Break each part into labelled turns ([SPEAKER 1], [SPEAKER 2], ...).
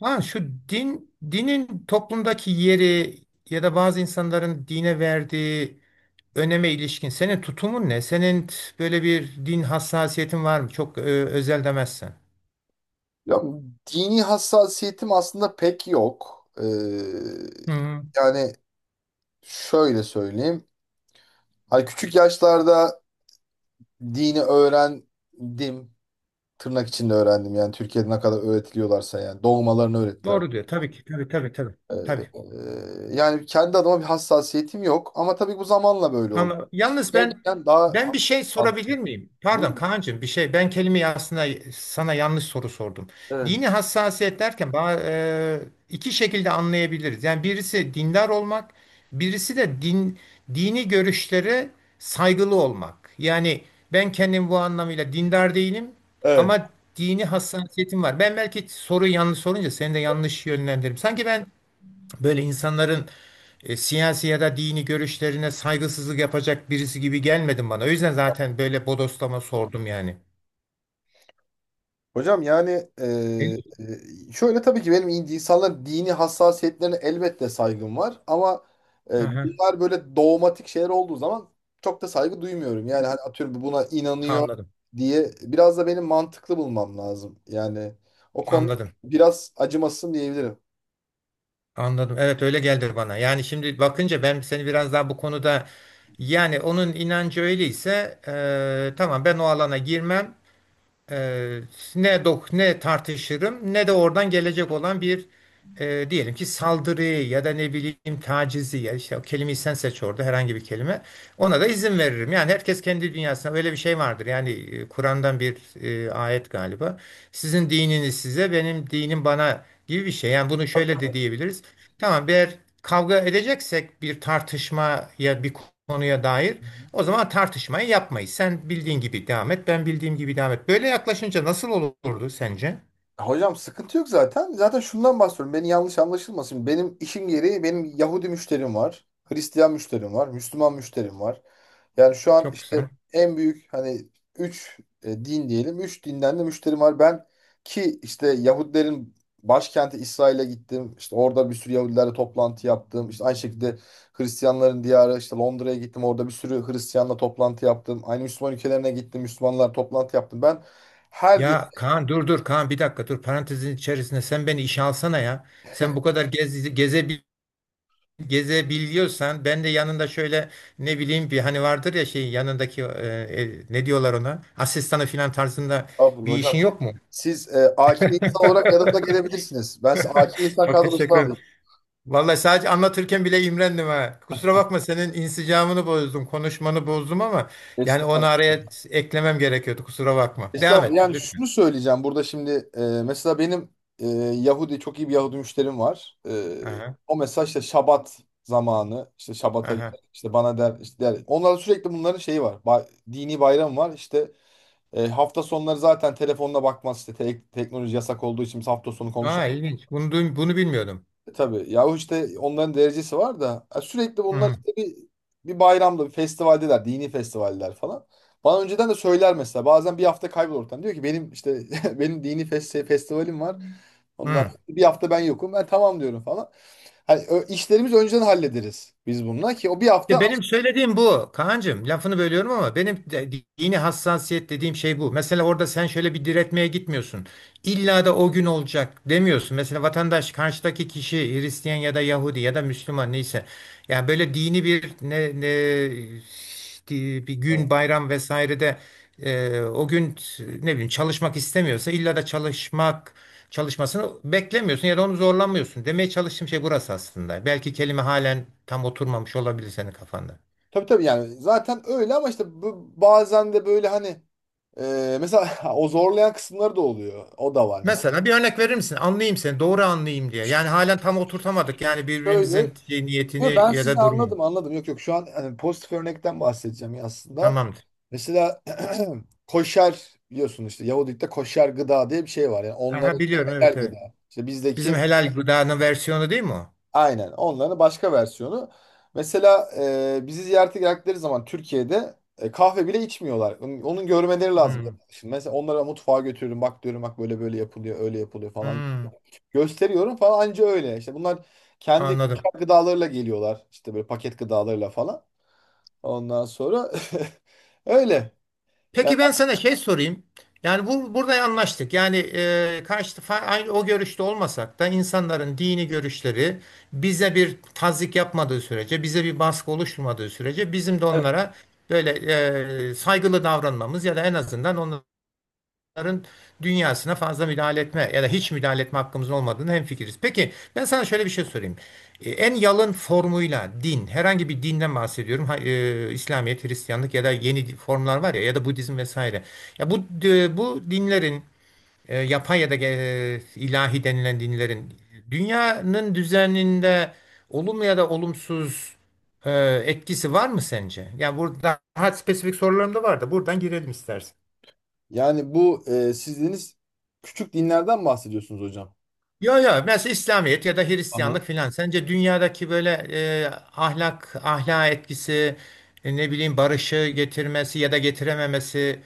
[SPEAKER 1] Ha şu dinin toplumdaki yeri ya da bazı insanların dine verdiği öneme ilişkin senin tutumun ne? Senin böyle bir din hassasiyetin var mı? Çok özel demezsen.
[SPEAKER 2] Ya, dini hassasiyetim aslında pek yok.
[SPEAKER 1] Hı, hı.
[SPEAKER 2] Yani şöyle söyleyeyim. Hani küçük yaşlarda dini öğrendim. Tırnak içinde öğrendim. Yani Türkiye'de ne kadar öğretiliyorlarsa yani. Doğmalarını öğrettiler.
[SPEAKER 1] Doğru diyor. Tabii ki. Tabii, tabii, tabii.
[SPEAKER 2] Ee,
[SPEAKER 1] Tabii.
[SPEAKER 2] yani kendi adıma bir hassasiyetim yok. Ama tabii bu zamanla böyle oldu.
[SPEAKER 1] Ama yalnız
[SPEAKER 2] Yani daha
[SPEAKER 1] ben bir
[SPEAKER 2] hassas.
[SPEAKER 1] şey sorabilir miyim? Pardon
[SPEAKER 2] Bu,
[SPEAKER 1] Kaan'cığım, bir şey, ben kelimeyi aslında sana yanlış soru sordum.
[SPEAKER 2] evet.
[SPEAKER 1] Dini hassasiyet derken iki şekilde anlayabiliriz. Yani birisi dindar olmak, birisi de dini görüşlere saygılı olmak. Yani ben kendim bu anlamıyla dindar değilim
[SPEAKER 2] Evet.
[SPEAKER 1] ama dini hassasiyetim var. Ben belki soruyu yanlış sorunca seni de yanlış yönlendirdim. Sanki ben böyle insanların siyasi ya da dini görüşlerine saygısızlık yapacak birisi gibi gelmedin bana. O yüzden zaten böyle bodoslama sordum yani.
[SPEAKER 2] Hocam yani
[SPEAKER 1] Ne diyorsun?
[SPEAKER 2] şöyle tabii ki benim insanların dini hassasiyetlerine elbette saygım var ama
[SPEAKER 1] Aha,
[SPEAKER 2] bunlar böyle dogmatik şeyler olduğu zaman çok da saygı duymuyorum. Yani hani atıyorum buna inanıyor
[SPEAKER 1] anladım.
[SPEAKER 2] diye biraz da benim mantıklı bulmam lazım. Yani o konuda
[SPEAKER 1] Anladım.
[SPEAKER 2] biraz acımasızım diyebilirim.
[SPEAKER 1] Anladım. Evet, öyle geldi bana. Yani şimdi bakınca ben seni biraz daha bu konuda, yani onun inancı öyleyse tamam, ben o alana girmem. Eee, Ne ne tartışırım ne de oradan gelecek olan bir diyelim ki saldırıyı ya da ne bileyim tacizi, ya işte o kelimeyi sen seç, orada herhangi bir kelime, ona da izin veririm. Yani herkes kendi dünyasına, böyle bir şey vardır. Yani Kur'an'dan bir ayet galiba. Sizin dininiz size, benim dinim bana gibi bir şey. Yani bunu şöyle de diyebiliriz. Tamam, eğer kavga edeceksek bir tartışmaya, bir konuya dair,
[SPEAKER 2] Hı hı.
[SPEAKER 1] o zaman tartışmayı yapmayız. Sen bildiğin gibi devam et, ben bildiğim gibi devam et. Böyle yaklaşınca nasıl olurdu sence?
[SPEAKER 2] Hocam sıkıntı yok zaten. Zaten şundan bahsediyorum. Beni yanlış anlaşılmasın. Benim işim gereği benim Yahudi müşterim var. Hristiyan müşterim var. Müslüman müşterim var. Yani şu an
[SPEAKER 1] Çok
[SPEAKER 2] işte
[SPEAKER 1] güzel.
[SPEAKER 2] en büyük hani 3 din diyelim. Üç dinden de müşterim var. Ben ki işte Yahudilerin başkenti İsrail'e gittim. İşte orada bir sürü Yahudilerle toplantı yaptım. İşte aynı şekilde Hristiyanların diyarı işte Londra'ya gittim. Orada bir sürü Hristiyanla toplantı yaptım. Aynı Müslüman ülkelerine gittim. Müslümanlar toplantı yaptım. Ben her din
[SPEAKER 1] Ya Kaan, dur dur Kaan, bir dakika dur, parantezin içerisinde sen beni işe alsana ya. Sen bu kadar gezebiliyorsan ben de yanında şöyle, ne bileyim, bir hani vardır ya, şey, yanındaki ne diyorlar ona, asistanı filan tarzında
[SPEAKER 2] Abdul
[SPEAKER 1] bir
[SPEAKER 2] hocam
[SPEAKER 1] işin
[SPEAKER 2] siz
[SPEAKER 1] yok mu?
[SPEAKER 2] siz AK insan olarak yanımda gelebilirsiniz. Ben size AK insan
[SPEAKER 1] Çok
[SPEAKER 2] kadrosuna
[SPEAKER 1] teşekkür ederim.
[SPEAKER 2] alayım.
[SPEAKER 1] Vallahi sadece anlatırken bile imrendim ha. Kusura bakma, senin insicamını bozdum, konuşmanı bozdum ama yani onu
[SPEAKER 2] Estağfurullah.
[SPEAKER 1] araya eklemem gerekiyordu. Kusura bakma. Devam et
[SPEAKER 2] Estağfurullah. Yani
[SPEAKER 1] lütfen.
[SPEAKER 2] şunu söyleyeceğim burada şimdi mesela benim Yahudi çok iyi bir Yahudi müşterim var.
[SPEAKER 1] Aha,
[SPEAKER 2] O mesela işte Şabat zamanı işte Şabat'a gider
[SPEAKER 1] aha.
[SPEAKER 2] işte bana der işte der. Onlarda sürekli bunların şeyi var. Dini bayram var işte hafta sonları zaten telefonuna bakmaz işte teknoloji yasak olduğu için biz hafta sonu
[SPEAKER 1] Aa,
[SPEAKER 2] konuşamayız.
[SPEAKER 1] ilginç. Bunu bilmiyordum.
[SPEAKER 2] Tabii. Yahu işte onların derecesi var da sürekli bunlar
[SPEAKER 1] Hı,
[SPEAKER 2] işte bir bayramda bir festivaldeler. Dini festivaller falan. Bana önceden de söyler mesela. Bazen bir hafta kaybolur ortadan. Diyor ki benim işte benim dini festivalim var. Onlar
[SPEAKER 1] hı.
[SPEAKER 2] bir hafta ben yokum. Ben tamam diyorum falan. Hani işlerimizi önceden hallederiz biz bununla ki o bir
[SPEAKER 1] Ya
[SPEAKER 2] hafta aç.
[SPEAKER 1] benim söylediğim bu Kaan'cığım. Lafını bölüyorum ama benim de dini hassasiyet dediğim şey bu. Mesela orada sen şöyle bir diretmeye gitmiyorsun. İlla da o gün olacak demiyorsun. Mesela vatandaş, karşıdaki kişi Hristiyan ya da Yahudi ya da Müslüman, neyse. Yani böyle dini bir bir
[SPEAKER 2] Evet.
[SPEAKER 1] gün bayram vesairede o gün, ne bileyim, çalışmak istemiyorsa illa da çalışmasını beklemiyorsun ya da onu zorlanmıyorsun. Demeye çalıştığım şey burası aslında. Belki kelime halen tam oturmamış olabilir senin kafanda.
[SPEAKER 2] Tabii tabii yani zaten öyle ama işte bazen de böyle hani mesela o zorlayan kısımları da oluyor. O da var mesela.
[SPEAKER 1] Mesela bir örnek verir misin? Anlayayım seni, doğru anlayayım diye. Yani halen tam oturtamadık yani
[SPEAKER 2] Şöyle
[SPEAKER 1] birbirimizin şey,
[SPEAKER 2] Yok,
[SPEAKER 1] niyetini
[SPEAKER 2] ben
[SPEAKER 1] ya
[SPEAKER 2] sizi
[SPEAKER 1] da durumunu.
[SPEAKER 2] anladım anladım. Yok yok şu an hani pozitif örnekten bahsedeceğim ya aslında.
[SPEAKER 1] Tamamdır.
[SPEAKER 2] Mesela koşer biliyorsun işte Yahudilikte koşer gıda diye bir şey var. Yani
[SPEAKER 1] Aha,
[SPEAKER 2] onların
[SPEAKER 1] biliyorum, evet
[SPEAKER 2] helal
[SPEAKER 1] evet.
[SPEAKER 2] gıda. İşte
[SPEAKER 1] Bizim
[SPEAKER 2] bizdeki
[SPEAKER 1] helal gıdanın versiyonu değil mi o?
[SPEAKER 2] aynen onların başka versiyonu. Mesela bizi ziyarete geldikleri zaman Türkiye'de kahve bile içmiyorlar. Onun görmeleri lazım.
[SPEAKER 1] Hmm.
[SPEAKER 2] Şimdi mesela onlara mutfağa götürüyorum. Bak diyorum, bak böyle böyle yapılıyor, öyle yapılıyor falan.
[SPEAKER 1] Hmm,
[SPEAKER 2] Gösteriyorum falan, anca öyle. İşte bunlar kendi
[SPEAKER 1] anladım.
[SPEAKER 2] gıdalarıyla geliyorlar. İşte böyle paket gıdalarıyla falan. Ondan sonra öyle. Yani,
[SPEAKER 1] Peki, ben sana şey sorayım. Yani bu burada anlaştık. Yani karşı aynı o görüşte olmasak da insanların dini görüşleri bize bir tazyik yapmadığı sürece, bize bir baskı oluşturmadığı sürece bizim de
[SPEAKER 2] evet.
[SPEAKER 1] onlara böyle saygılı davranmamız ya da en azından onların dünyasına fazla müdahale etme ya da hiç müdahale etme hakkımızın olmadığını hemfikiriz. Peki ben sana şöyle bir şey sorayım. En yalın formuyla din, herhangi bir dinden bahsediyorum. İslamiyet, Hristiyanlık ya da yeni formlar var ya, ya da Budizm vesaire. Ya bu bu dinlerin, yapay ya da ilahi denilen dinlerin dünyanın düzeninde olumlu ya da olumsuz e, etkisi var mı sence? Ya burada daha spesifik sorularım da var da buradan girelim istersen.
[SPEAKER 2] Yani bu siz dediniz küçük dinlerden bahsediyorsunuz hocam.
[SPEAKER 1] Ya, ya mesela İslamiyet ya da
[SPEAKER 2] Aha.
[SPEAKER 1] Hristiyanlık filan. Sence dünyadaki böyle e, ahlak etkisi, ne bileyim, barışı getirmesi ya da getirememesi,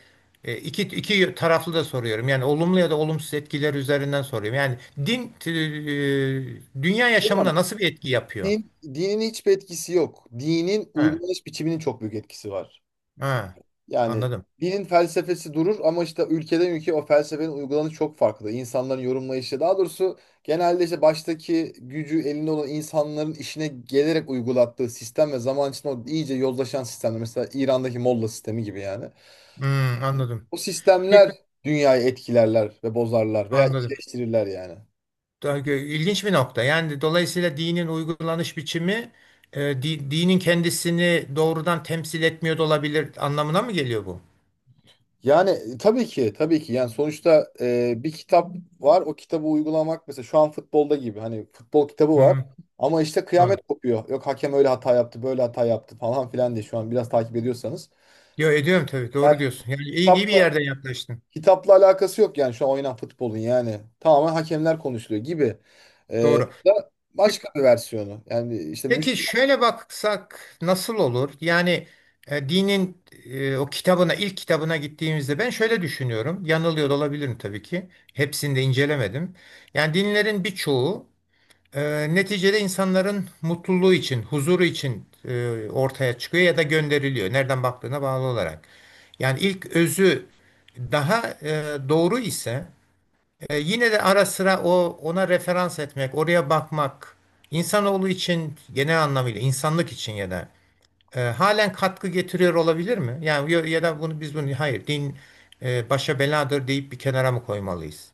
[SPEAKER 1] iki taraflı da soruyorum. Yani olumlu ya da olumsuz etkiler üzerinden soruyorum. Yani din, dünya
[SPEAKER 2] Hocam
[SPEAKER 1] yaşamına nasıl bir etki yapıyor?
[SPEAKER 2] dinin hiçbir etkisi yok. Dinin
[SPEAKER 1] Ha,
[SPEAKER 2] uygulanış biçiminin çok büyük etkisi var.
[SPEAKER 1] ha,
[SPEAKER 2] Yani
[SPEAKER 1] anladım.
[SPEAKER 2] dinin felsefesi durur ama işte ülkeden ülkeye o felsefenin uygulanışı çok farklı. İnsanların yorumlayışı daha doğrusu genelde işte baştaki gücü elinde olan insanların işine gelerek uygulattığı sistem ve zaman içinde o iyice yozlaşan sistemler. Mesela İran'daki Molla sistemi gibi yani.
[SPEAKER 1] Hmm, anladım.
[SPEAKER 2] O
[SPEAKER 1] Peki,
[SPEAKER 2] sistemler dünyayı etkilerler ve bozarlar veya
[SPEAKER 1] anladım.
[SPEAKER 2] iyileştirirler yani.
[SPEAKER 1] İlginç bir nokta. Yani dolayısıyla dinin uygulanış biçimi dinin kendisini doğrudan temsil etmiyor da olabilir anlamına mı geliyor bu?
[SPEAKER 2] Yani tabii ki tabii ki yani sonuçta bir kitap var, o kitabı uygulamak mesela şu an futbolda gibi. Hani futbol kitabı var
[SPEAKER 1] Hı,
[SPEAKER 2] ama işte kıyamet
[SPEAKER 1] doğru.
[SPEAKER 2] kopuyor. Yok hakem öyle hata yaptı, böyle hata yaptı falan filan diye, şu an biraz takip ediyorsanız.
[SPEAKER 1] Yo, ediyorum tabii,
[SPEAKER 2] Yani
[SPEAKER 1] doğru diyorsun. Yani iyi, iyi bir
[SPEAKER 2] kitapla,
[SPEAKER 1] yerden yaklaştın.
[SPEAKER 2] kitapla alakası yok yani şu an oynanan futbolun. Yani tamamen hakemler konuşuluyor gibi. E,
[SPEAKER 1] Doğru.
[SPEAKER 2] da
[SPEAKER 1] Pe-
[SPEAKER 2] başka bir versiyonu yani işte
[SPEAKER 1] Peki şöyle baksak nasıl olur? Yani e, dinin e, o kitabına ilk kitabına gittiğimizde ben şöyle düşünüyorum. Yanılıyor da olabilirim tabii ki. Hepsini de incelemedim. Yani dinlerin birçoğu neticede insanların mutluluğu için, huzuru için ortaya çıkıyor ya da gönderiliyor. Nereden baktığına bağlı olarak. Yani ilk özü daha doğru ise yine de ara sıra o, ona referans etmek, oraya bakmak insanoğlu için, genel anlamıyla insanlık için, ya da halen katkı getiriyor olabilir mi? Yani ya da bunu biz, bunu hayır, din başa beladır deyip bir kenara mı koymalıyız?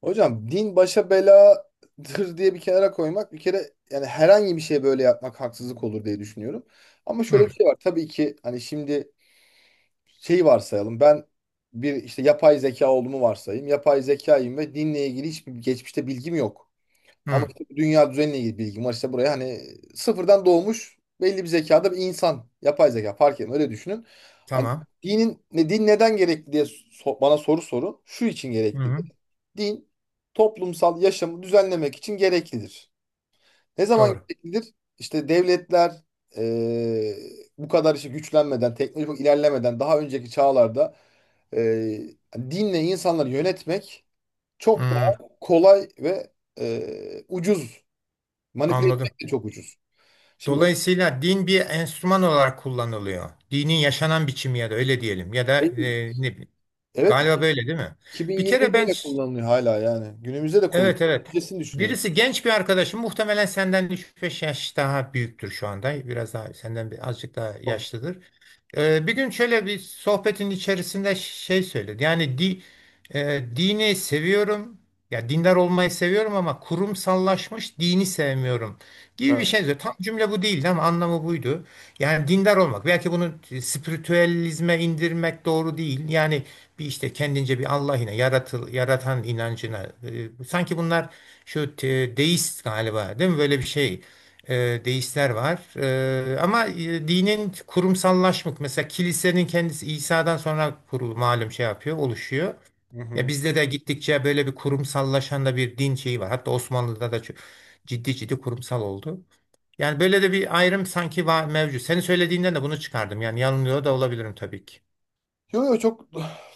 [SPEAKER 2] Hocam din başa beladır diye bir kenara koymak bir kere, yani herhangi bir şeye böyle yapmak haksızlık olur diye düşünüyorum. Ama şöyle bir
[SPEAKER 1] Hı,
[SPEAKER 2] şey var. Tabii ki hani şimdi şey varsayalım. Ben bir işte yapay zeka olduğumu varsayayım. Yapay zekayım ve dinle ilgili hiçbir geçmişte bilgim yok. Ama
[SPEAKER 1] hı,
[SPEAKER 2] işte bu dünya düzeniyle ilgili bilgim var. İşte buraya hani sıfırdan doğmuş belli bir zekada bir insan. Yapay zeka fark etmiyor, öyle düşünün. Hani
[SPEAKER 1] tamam.
[SPEAKER 2] dinin ne, din neden gerekli diye bana soru sorun. Şu için
[SPEAKER 1] Hı,
[SPEAKER 2] gerekli:
[SPEAKER 1] hı,
[SPEAKER 2] din toplumsal yaşamı düzenlemek için gereklidir. Ne zaman
[SPEAKER 1] doğru.
[SPEAKER 2] gereklidir? İşte devletler eee, bu kadar işte güçlenmeden, teknolojik ilerlemeden daha önceki çağlarda eee, dinle insanları yönetmek çok
[SPEAKER 1] Hı,
[SPEAKER 2] daha kolay ve ucuz. Manipüle
[SPEAKER 1] anladım.
[SPEAKER 2] etmek de çok ucuz. Şimdi
[SPEAKER 1] Dolayısıyla din bir enstrüman olarak kullanılıyor. Dinin yaşanan biçimi, ya da öyle diyelim, ya da
[SPEAKER 2] öyle değil.
[SPEAKER 1] ne bileyim.
[SPEAKER 2] Evet,
[SPEAKER 1] Galiba böyle değil mi? Bir
[SPEAKER 2] 2020'de
[SPEAKER 1] kere ben
[SPEAKER 2] bile kullanılıyor hala yani. Günümüzde de
[SPEAKER 1] Evet,
[SPEAKER 2] kullanılıyor.
[SPEAKER 1] evet.
[SPEAKER 2] Öncesini düşünün yani.
[SPEAKER 1] Birisi, genç bir arkadaşım, muhtemelen senden üç beş yaş daha büyüktür şu anda. Biraz daha senden bir, azıcık daha
[SPEAKER 2] Oh,
[SPEAKER 1] yaşlıdır. Bir gün şöyle bir sohbetin içerisinde şey söyledi. Dini seviyorum. Ya dindar olmayı seviyorum ama kurumsallaşmış dini sevmiyorum gibi bir
[SPEAKER 2] evet.
[SPEAKER 1] şey söyledi. Tam cümle bu değildi ama anlamı buydu. Yani dindar olmak. Belki bunu spiritüelizme indirmek doğru değil. Yani bir işte kendince bir Allah'ına, yaratan inancına. Sanki bunlar, deist galiba değil mi? Böyle bir şey, deistler var. Ama dinin kurumsallaşmak, mesela kilisenin kendisi İsa'dan sonra kurulu, malum şey yapıyor, oluşuyor.
[SPEAKER 2] Hı
[SPEAKER 1] Ya
[SPEAKER 2] hı.
[SPEAKER 1] bizde de gittikçe böyle bir kurumsallaşan da bir din şeyi var. Hatta Osmanlı'da da çok ciddi ciddi kurumsal oldu. Yani böyle de bir ayrım sanki var mevcut. Senin söylediğinden de bunu çıkardım. Yani yanılıyor da olabilirim tabii ki.
[SPEAKER 2] Yo yo, çok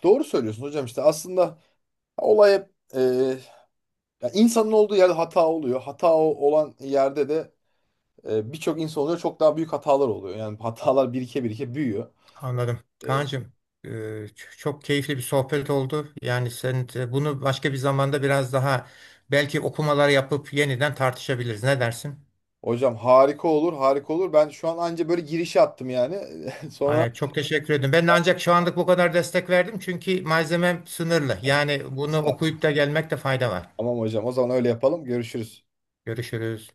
[SPEAKER 2] doğru söylüyorsun hocam işte aslında. Olay hep, e, ya insanın olduğu yerde hata oluyor. Hata olan yerde de birçok insan oluyor. Çok daha büyük hatalar oluyor. Yani hatalar birike birike büyüyor.
[SPEAKER 1] Anladım.
[SPEAKER 2] E,
[SPEAKER 1] Kaan'cığım, e, çok keyifli bir sohbet oldu. Yani sen bunu başka bir zamanda biraz daha, belki okumalar yapıp yeniden tartışabiliriz. Ne dersin?
[SPEAKER 2] hocam harika olur, harika olur. Ben şu an anca böyle girişi attım yani. Sonra
[SPEAKER 1] Ay, çok teşekkür ederim. Ben de ancak şu anlık bu kadar destek verdim çünkü malzemem sınırlı. Yani bunu okuyup da gelmekte fayda var.
[SPEAKER 2] tamam hocam, o zaman öyle yapalım. Görüşürüz.
[SPEAKER 1] Görüşürüz.